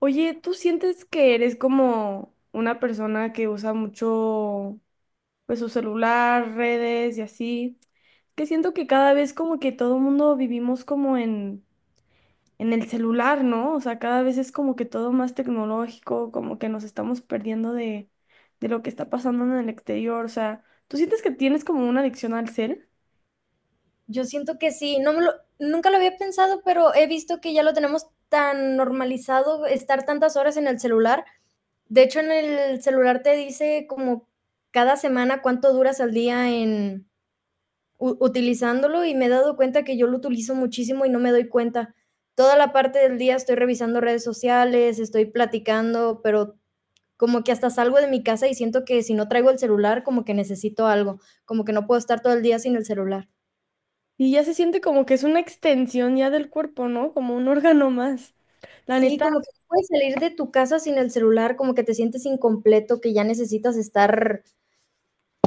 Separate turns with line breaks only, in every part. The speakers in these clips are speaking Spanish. Oye, ¿tú sientes que eres como una persona que usa mucho pues su celular, redes y así? Que siento que cada vez como que todo el mundo vivimos como en el celular, ¿no? O sea, cada vez es como que todo más tecnológico, como que nos estamos perdiendo de lo que está pasando en el exterior, o sea, ¿tú sientes que tienes como una adicción al cel?
Yo siento que sí, no me lo, nunca lo había pensado, pero he visto que ya lo tenemos tan normalizado estar tantas horas en el celular. De hecho, en el celular te dice como cada semana cuánto duras al día en utilizándolo y me he dado cuenta que yo lo utilizo muchísimo y no me doy cuenta. Toda la parte del día estoy revisando redes sociales, estoy platicando, pero como que hasta salgo de mi casa y siento que si no traigo el celular, como que necesito algo, como que no puedo estar todo el día sin el celular.
Y ya se siente como que es una extensión ya del cuerpo, ¿no? Como un órgano más. La
Sí,
neta.
como que no puedes salir de tu casa sin el celular, como que te sientes incompleto, que ya necesitas estar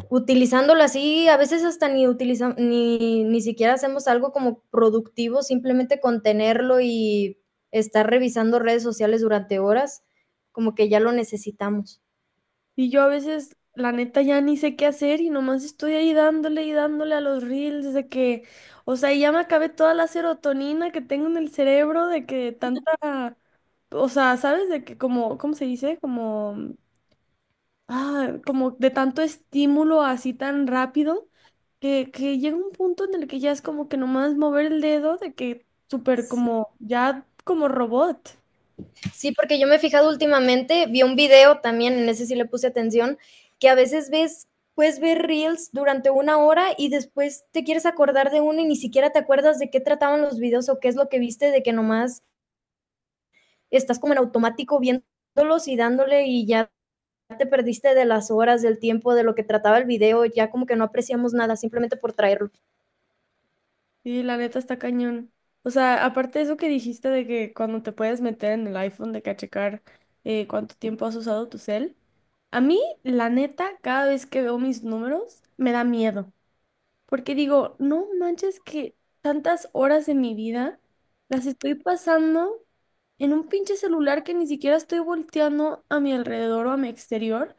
utilizándolo así, a veces hasta ni utiliza, ni, ni siquiera hacemos algo como productivo, simplemente con tenerlo y estar revisando redes sociales durante horas, como que ya lo necesitamos.
Y yo a veces, la neta, ya ni sé qué hacer y nomás estoy ahí dándole y dándole a los reels de que, o sea, ya me acabé toda la serotonina que tengo en el cerebro de que tanta, o sea, ¿sabes? De que como, ¿cómo se dice? Como, ah, como de tanto estímulo así tan rápido que llega un punto en el que ya es como que nomás mover el dedo de que súper
Sí.
como, ya como robot.
Sí, porque yo me he fijado últimamente, vi un video también, en ese sí le puse atención, que a veces ves, puedes ver reels durante una hora y después te quieres acordar de uno y ni siquiera te acuerdas de qué trataban los videos o qué es lo que viste, de que nomás estás como en automático viéndolos y dándole y ya te perdiste de las horas, del tiempo, de lo que trataba el video, ya como que no apreciamos nada simplemente por traerlo.
Y la neta está cañón. O sea, aparte de eso que dijiste de que cuando te puedes meter en el iPhone de que a checar, cuánto tiempo has usado tu cel, a mí, la neta, cada vez que veo mis números, me da miedo porque digo, no manches que tantas horas de mi vida las estoy pasando en un pinche celular que ni siquiera estoy volteando a mi alrededor o a mi exterior.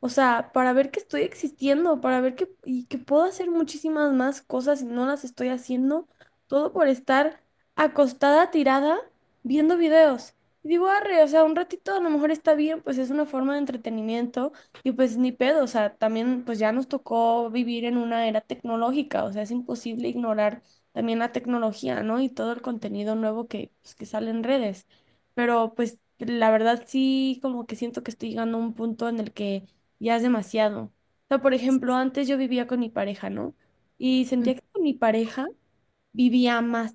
O sea, para ver que estoy existiendo, para ver que, y que puedo hacer muchísimas más cosas y no las estoy haciendo, todo por estar acostada, tirada, viendo videos. Y digo, arre, o sea, un ratito a lo mejor está bien, pues es una forma de entretenimiento y pues ni pedo, o sea, también pues ya nos tocó vivir en una era tecnológica, o sea, es imposible ignorar también la tecnología, ¿no? Y todo el contenido nuevo que, pues, que sale en redes. Pero pues la verdad sí, como que siento que estoy llegando a un punto en el que ya es demasiado. O sea, por
Sí,
ejemplo, antes yo vivía con mi pareja, ¿no? Y
hay
sentía que con mi pareja vivía más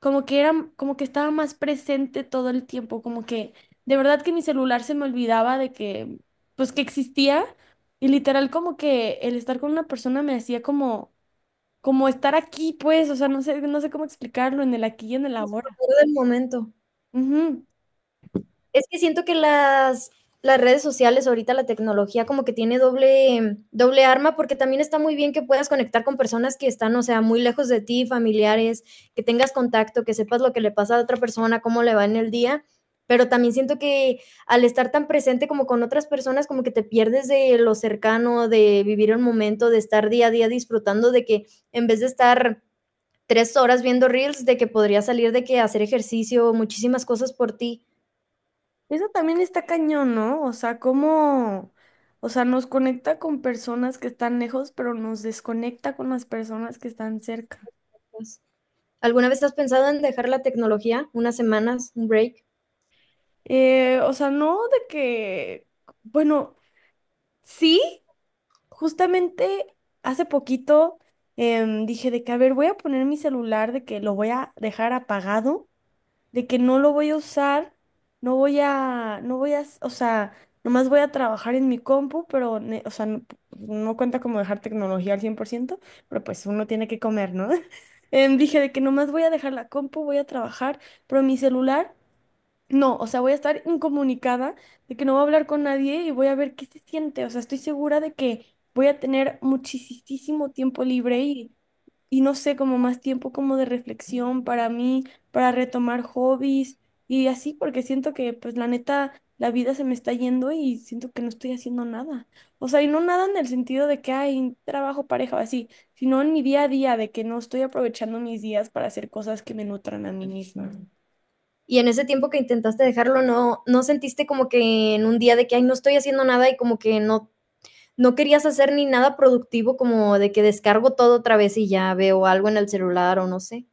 como que era, como que estaba más presente todo el tiempo, como que de verdad que mi celular se me olvidaba de que, pues que existía y literal como que el estar con una persona me hacía como, como estar aquí, pues, o sea, no sé, no sé cómo explicarlo en el aquí y en el ahora.
disfrutar del momento.
Ujú.
Es que siento que las redes sociales, ahorita la tecnología como que tiene doble, doble arma, porque también está muy bien que puedas conectar con personas que están, o sea, muy lejos de ti, familiares, que tengas contacto, que sepas lo que le pasa a otra persona, cómo le va en el día, pero también siento que al estar tan presente como con otras personas, como que te pierdes de lo cercano, de vivir el momento, de estar día a día disfrutando, de que en vez de estar 3 horas viendo reels, de que podría salir de que hacer ejercicio, muchísimas cosas por ti.
Eso también está cañón, ¿no? O sea, cómo, o sea, nos conecta con personas que están lejos, pero nos desconecta con las personas que están cerca.
Pues. ¿Alguna vez has pensado en dejar la tecnología unas semanas, un break?
O sea, no de que, bueno. Sí, justamente hace poquito, dije de que, a ver, voy a poner mi celular, de que lo voy a dejar apagado, de que no lo voy a usar, no voy a, no voy a, o sea, nomás voy a trabajar en mi compu, pero, o sea, no, no cuenta como dejar tecnología al 100%, pero pues uno tiene que comer, ¿no? Dije de que nomás voy a dejar la compu, voy a trabajar, pero mi celular... No, o sea, voy a estar incomunicada de que no voy a hablar con nadie y voy a ver qué se siente. O sea, estoy segura de que voy a tener muchísimo tiempo libre y no sé, como más tiempo como de reflexión para mí, para retomar hobbies y así, porque siento que pues la neta, la vida se me está yendo y siento que no estoy haciendo nada. O sea, y no nada en el sentido de que hay trabajo, pareja o así, sino en mi día a día, de que no estoy aprovechando mis días para hacer cosas que me nutran a mí misma.
Y en ese tiempo que intentaste dejarlo, ¿no, no sentiste como que en un día de que, ay, no estoy haciendo nada y como que no, no querías hacer ni nada productivo, como de que descargo todo otra vez y ya veo algo en el celular o no sé?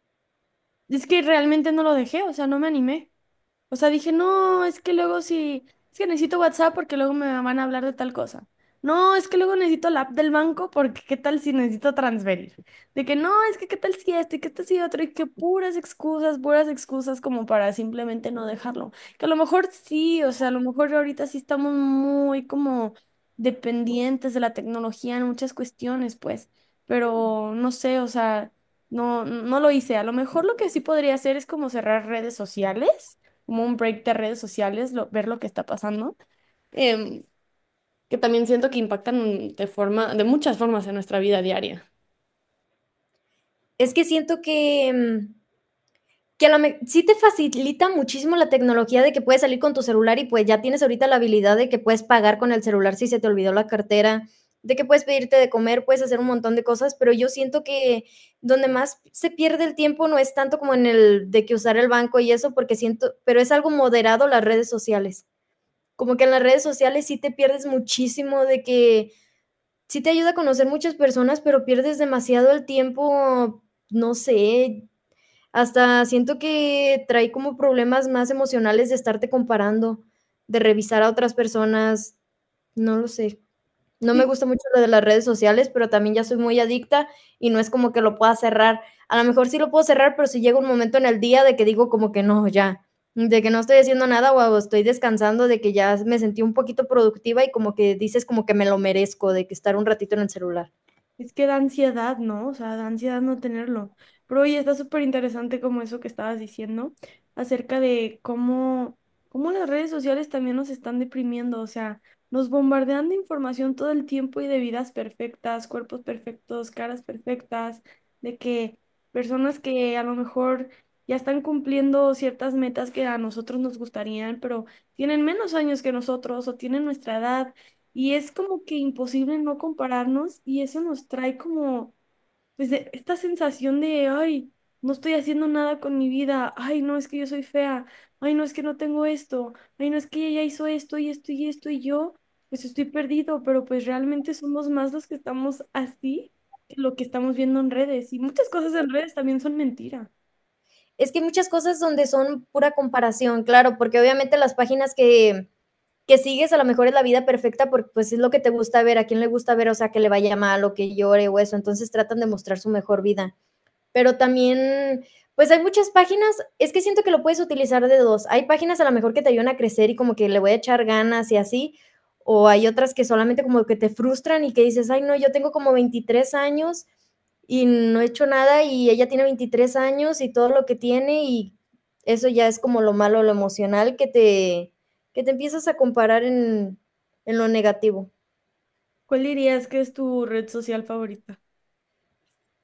Es que realmente no lo dejé, o sea, no me animé. O sea, dije, no, es que luego sí, es que necesito WhatsApp porque luego me van a hablar de tal cosa. No, es que luego necesito la app del banco porque qué tal si necesito transferir. De que no, es que qué tal si esto y qué tal si otro y que puras excusas como para simplemente no dejarlo. Que a lo mejor sí, o sea, a lo mejor ahorita sí estamos muy como dependientes de la tecnología en muchas cuestiones, pues, pero no sé, o sea, no, no lo hice. A lo mejor lo que sí podría hacer es como cerrar redes sociales, como un break de redes sociales, ver lo que está pasando, em, que también siento que impactan de forma, de muchas formas en nuestra vida diaria.
Es que siento que que a la me sí te facilita muchísimo la tecnología de que puedes salir con tu celular y, pues, ya tienes ahorita la habilidad de que puedes pagar con el celular si se te olvidó la cartera, de que puedes pedirte de comer, puedes hacer un montón de cosas, pero yo siento que donde más se pierde el tiempo no es tanto como en el de que usar el banco y eso, porque siento, pero es algo moderado las redes sociales. Como que en las redes sociales sí te pierdes muchísimo de que sí te ayuda a conocer muchas personas, pero pierdes demasiado el tiempo, no sé, hasta siento que trae como problemas más emocionales de estarte comparando, de revisar a otras personas, no lo sé. No me
Sí,
gusta mucho lo de las redes sociales, pero también ya soy muy adicta y no es como que lo pueda cerrar. A lo mejor sí lo puedo cerrar, pero si llega un momento en el día de que digo como que no, ya, de que no estoy haciendo nada o estoy descansando, de que ya me sentí un poquito productiva y como que dices como que me lo merezco, de que estar un ratito en el celular.
es que da ansiedad, ¿no? O sea, da ansiedad no tenerlo. Pero oye, está súper interesante como eso que estabas diciendo acerca de cómo, cómo las redes sociales también nos están deprimiendo. O sea, nos bombardean de información todo el tiempo y de vidas perfectas, cuerpos perfectos, caras perfectas, de que personas que a lo mejor ya están cumpliendo ciertas metas que a nosotros nos gustarían, pero tienen menos años que nosotros o tienen nuestra edad y es como que imposible no compararnos y eso nos trae como, pues, esta sensación de, ay, no estoy haciendo nada con mi vida, ay, no, es que yo soy fea, ay, no, es que no tengo esto, ay, no, es que ella hizo esto y esto y esto y yo, pues estoy perdido, pero pues realmente somos más los que estamos así que lo que estamos viendo en redes. Y muchas cosas en redes también son mentira.
Es que hay muchas cosas donde son pura comparación, claro, porque obviamente las páginas que sigues a lo mejor es la vida perfecta porque pues es lo que te gusta ver, a quién le gusta ver, o sea, que le vaya mal o que llore o eso, entonces tratan de mostrar su mejor vida, pero también, pues hay muchas páginas, es que siento que lo puedes utilizar de dos. Hay páginas a lo mejor que te ayudan a crecer y como que le voy a echar ganas y así, o hay otras que solamente como que te frustran y que dices, ay, no, yo tengo como 23 años y no he hecho nada y ella tiene 23 años y todo lo que tiene y eso ya es como lo malo, lo emocional que te empiezas a comparar en lo negativo.
¿Cuál dirías que es tu red social favorita?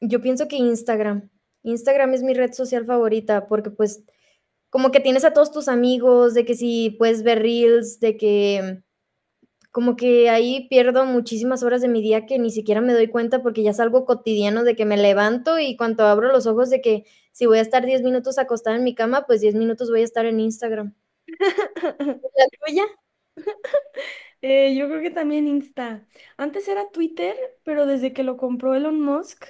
Yo pienso que Instagram, Instagram es mi red social favorita porque pues como que tienes a todos tus amigos, de que si puedes ver reels, de que como que ahí pierdo muchísimas horas de mi día que ni siquiera me doy cuenta porque ya es algo cotidiano de que me levanto y cuando abro los ojos de que si voy a estar 10 minutos acostada en mi cama, pues 10 minutos voy a estar en Instagram. ¿La tuya?
Yo creo que también Insta. Antes era Twitter, pero desde que lo compró Elon Musk,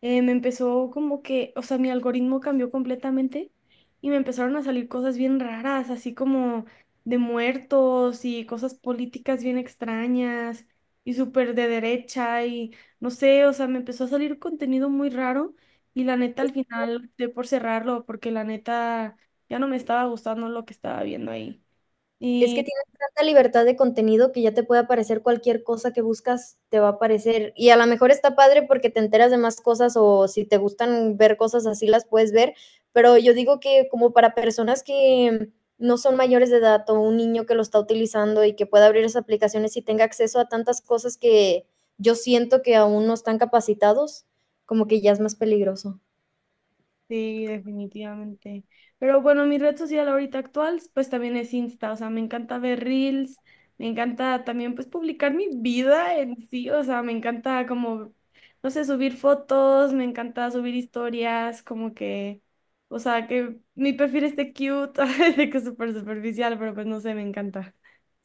me empezó como que, o sea, mi algoritmo cambió completamente y me empezaron a salir cosas bien raras, así como de muertos y cosas políticas bien extrañas y súper de derecha y no sé, o sea, me empezó a salir contenido muy raro y la neta al final de por cerrarlo porque la neta ya no me estaba gustando lo que estaba viendo ahí.
Es que tienes tanta libertad de contenido que ya te puede aparecer cualquier cosa que buscas, te va a aparecer. Y a lo mejor está padre porque te enteras de más cosas o si te gustan ver cosas así las puedes ver, pero yo digo que como para personas que no son mayores de edad o un niño que lo está utilizando y que pueda abrir esas aplicaciones y tenga acceso a tantas cosas que yo siento que aún no están capacitados, como que ya es más peligroso.
Sí, definitivamente. Pero bueno, mi red social ahorita actual, pues también es Insta, o sea, me encanta ver reels, me encanta también pues publicar mi vida en sí, o sea, me encanta como, no sé, subir fotos, me encanta subir historias, como que, o sea, que mi perfil esté cute, de que es súper superficial, pero pues no sé, me encanta.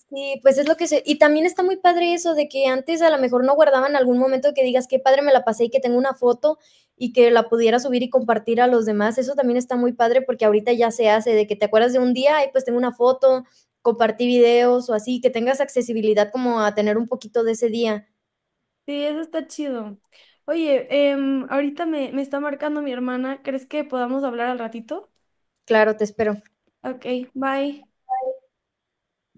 Sí, pues es lo que se. Y también está muy padre eso de que antes a lo mejor no guardaban algún momento que digas qué padre me la pasé y que tengo una foto y que la pudiera subir y compartir a los demás. Eso también está muy padre porque ahorita ya se hace de que te acuerdas de un día y pues tengo una foto, compartí videos o así, que tengas accesibilidad como a tener un poquito de ese día.
Sí, eso está chido. Oye, ahorita me, me está marcando mi hermana, ¿crees que podamos hablar al ratito?
Claro, te espero.
Ok, bye.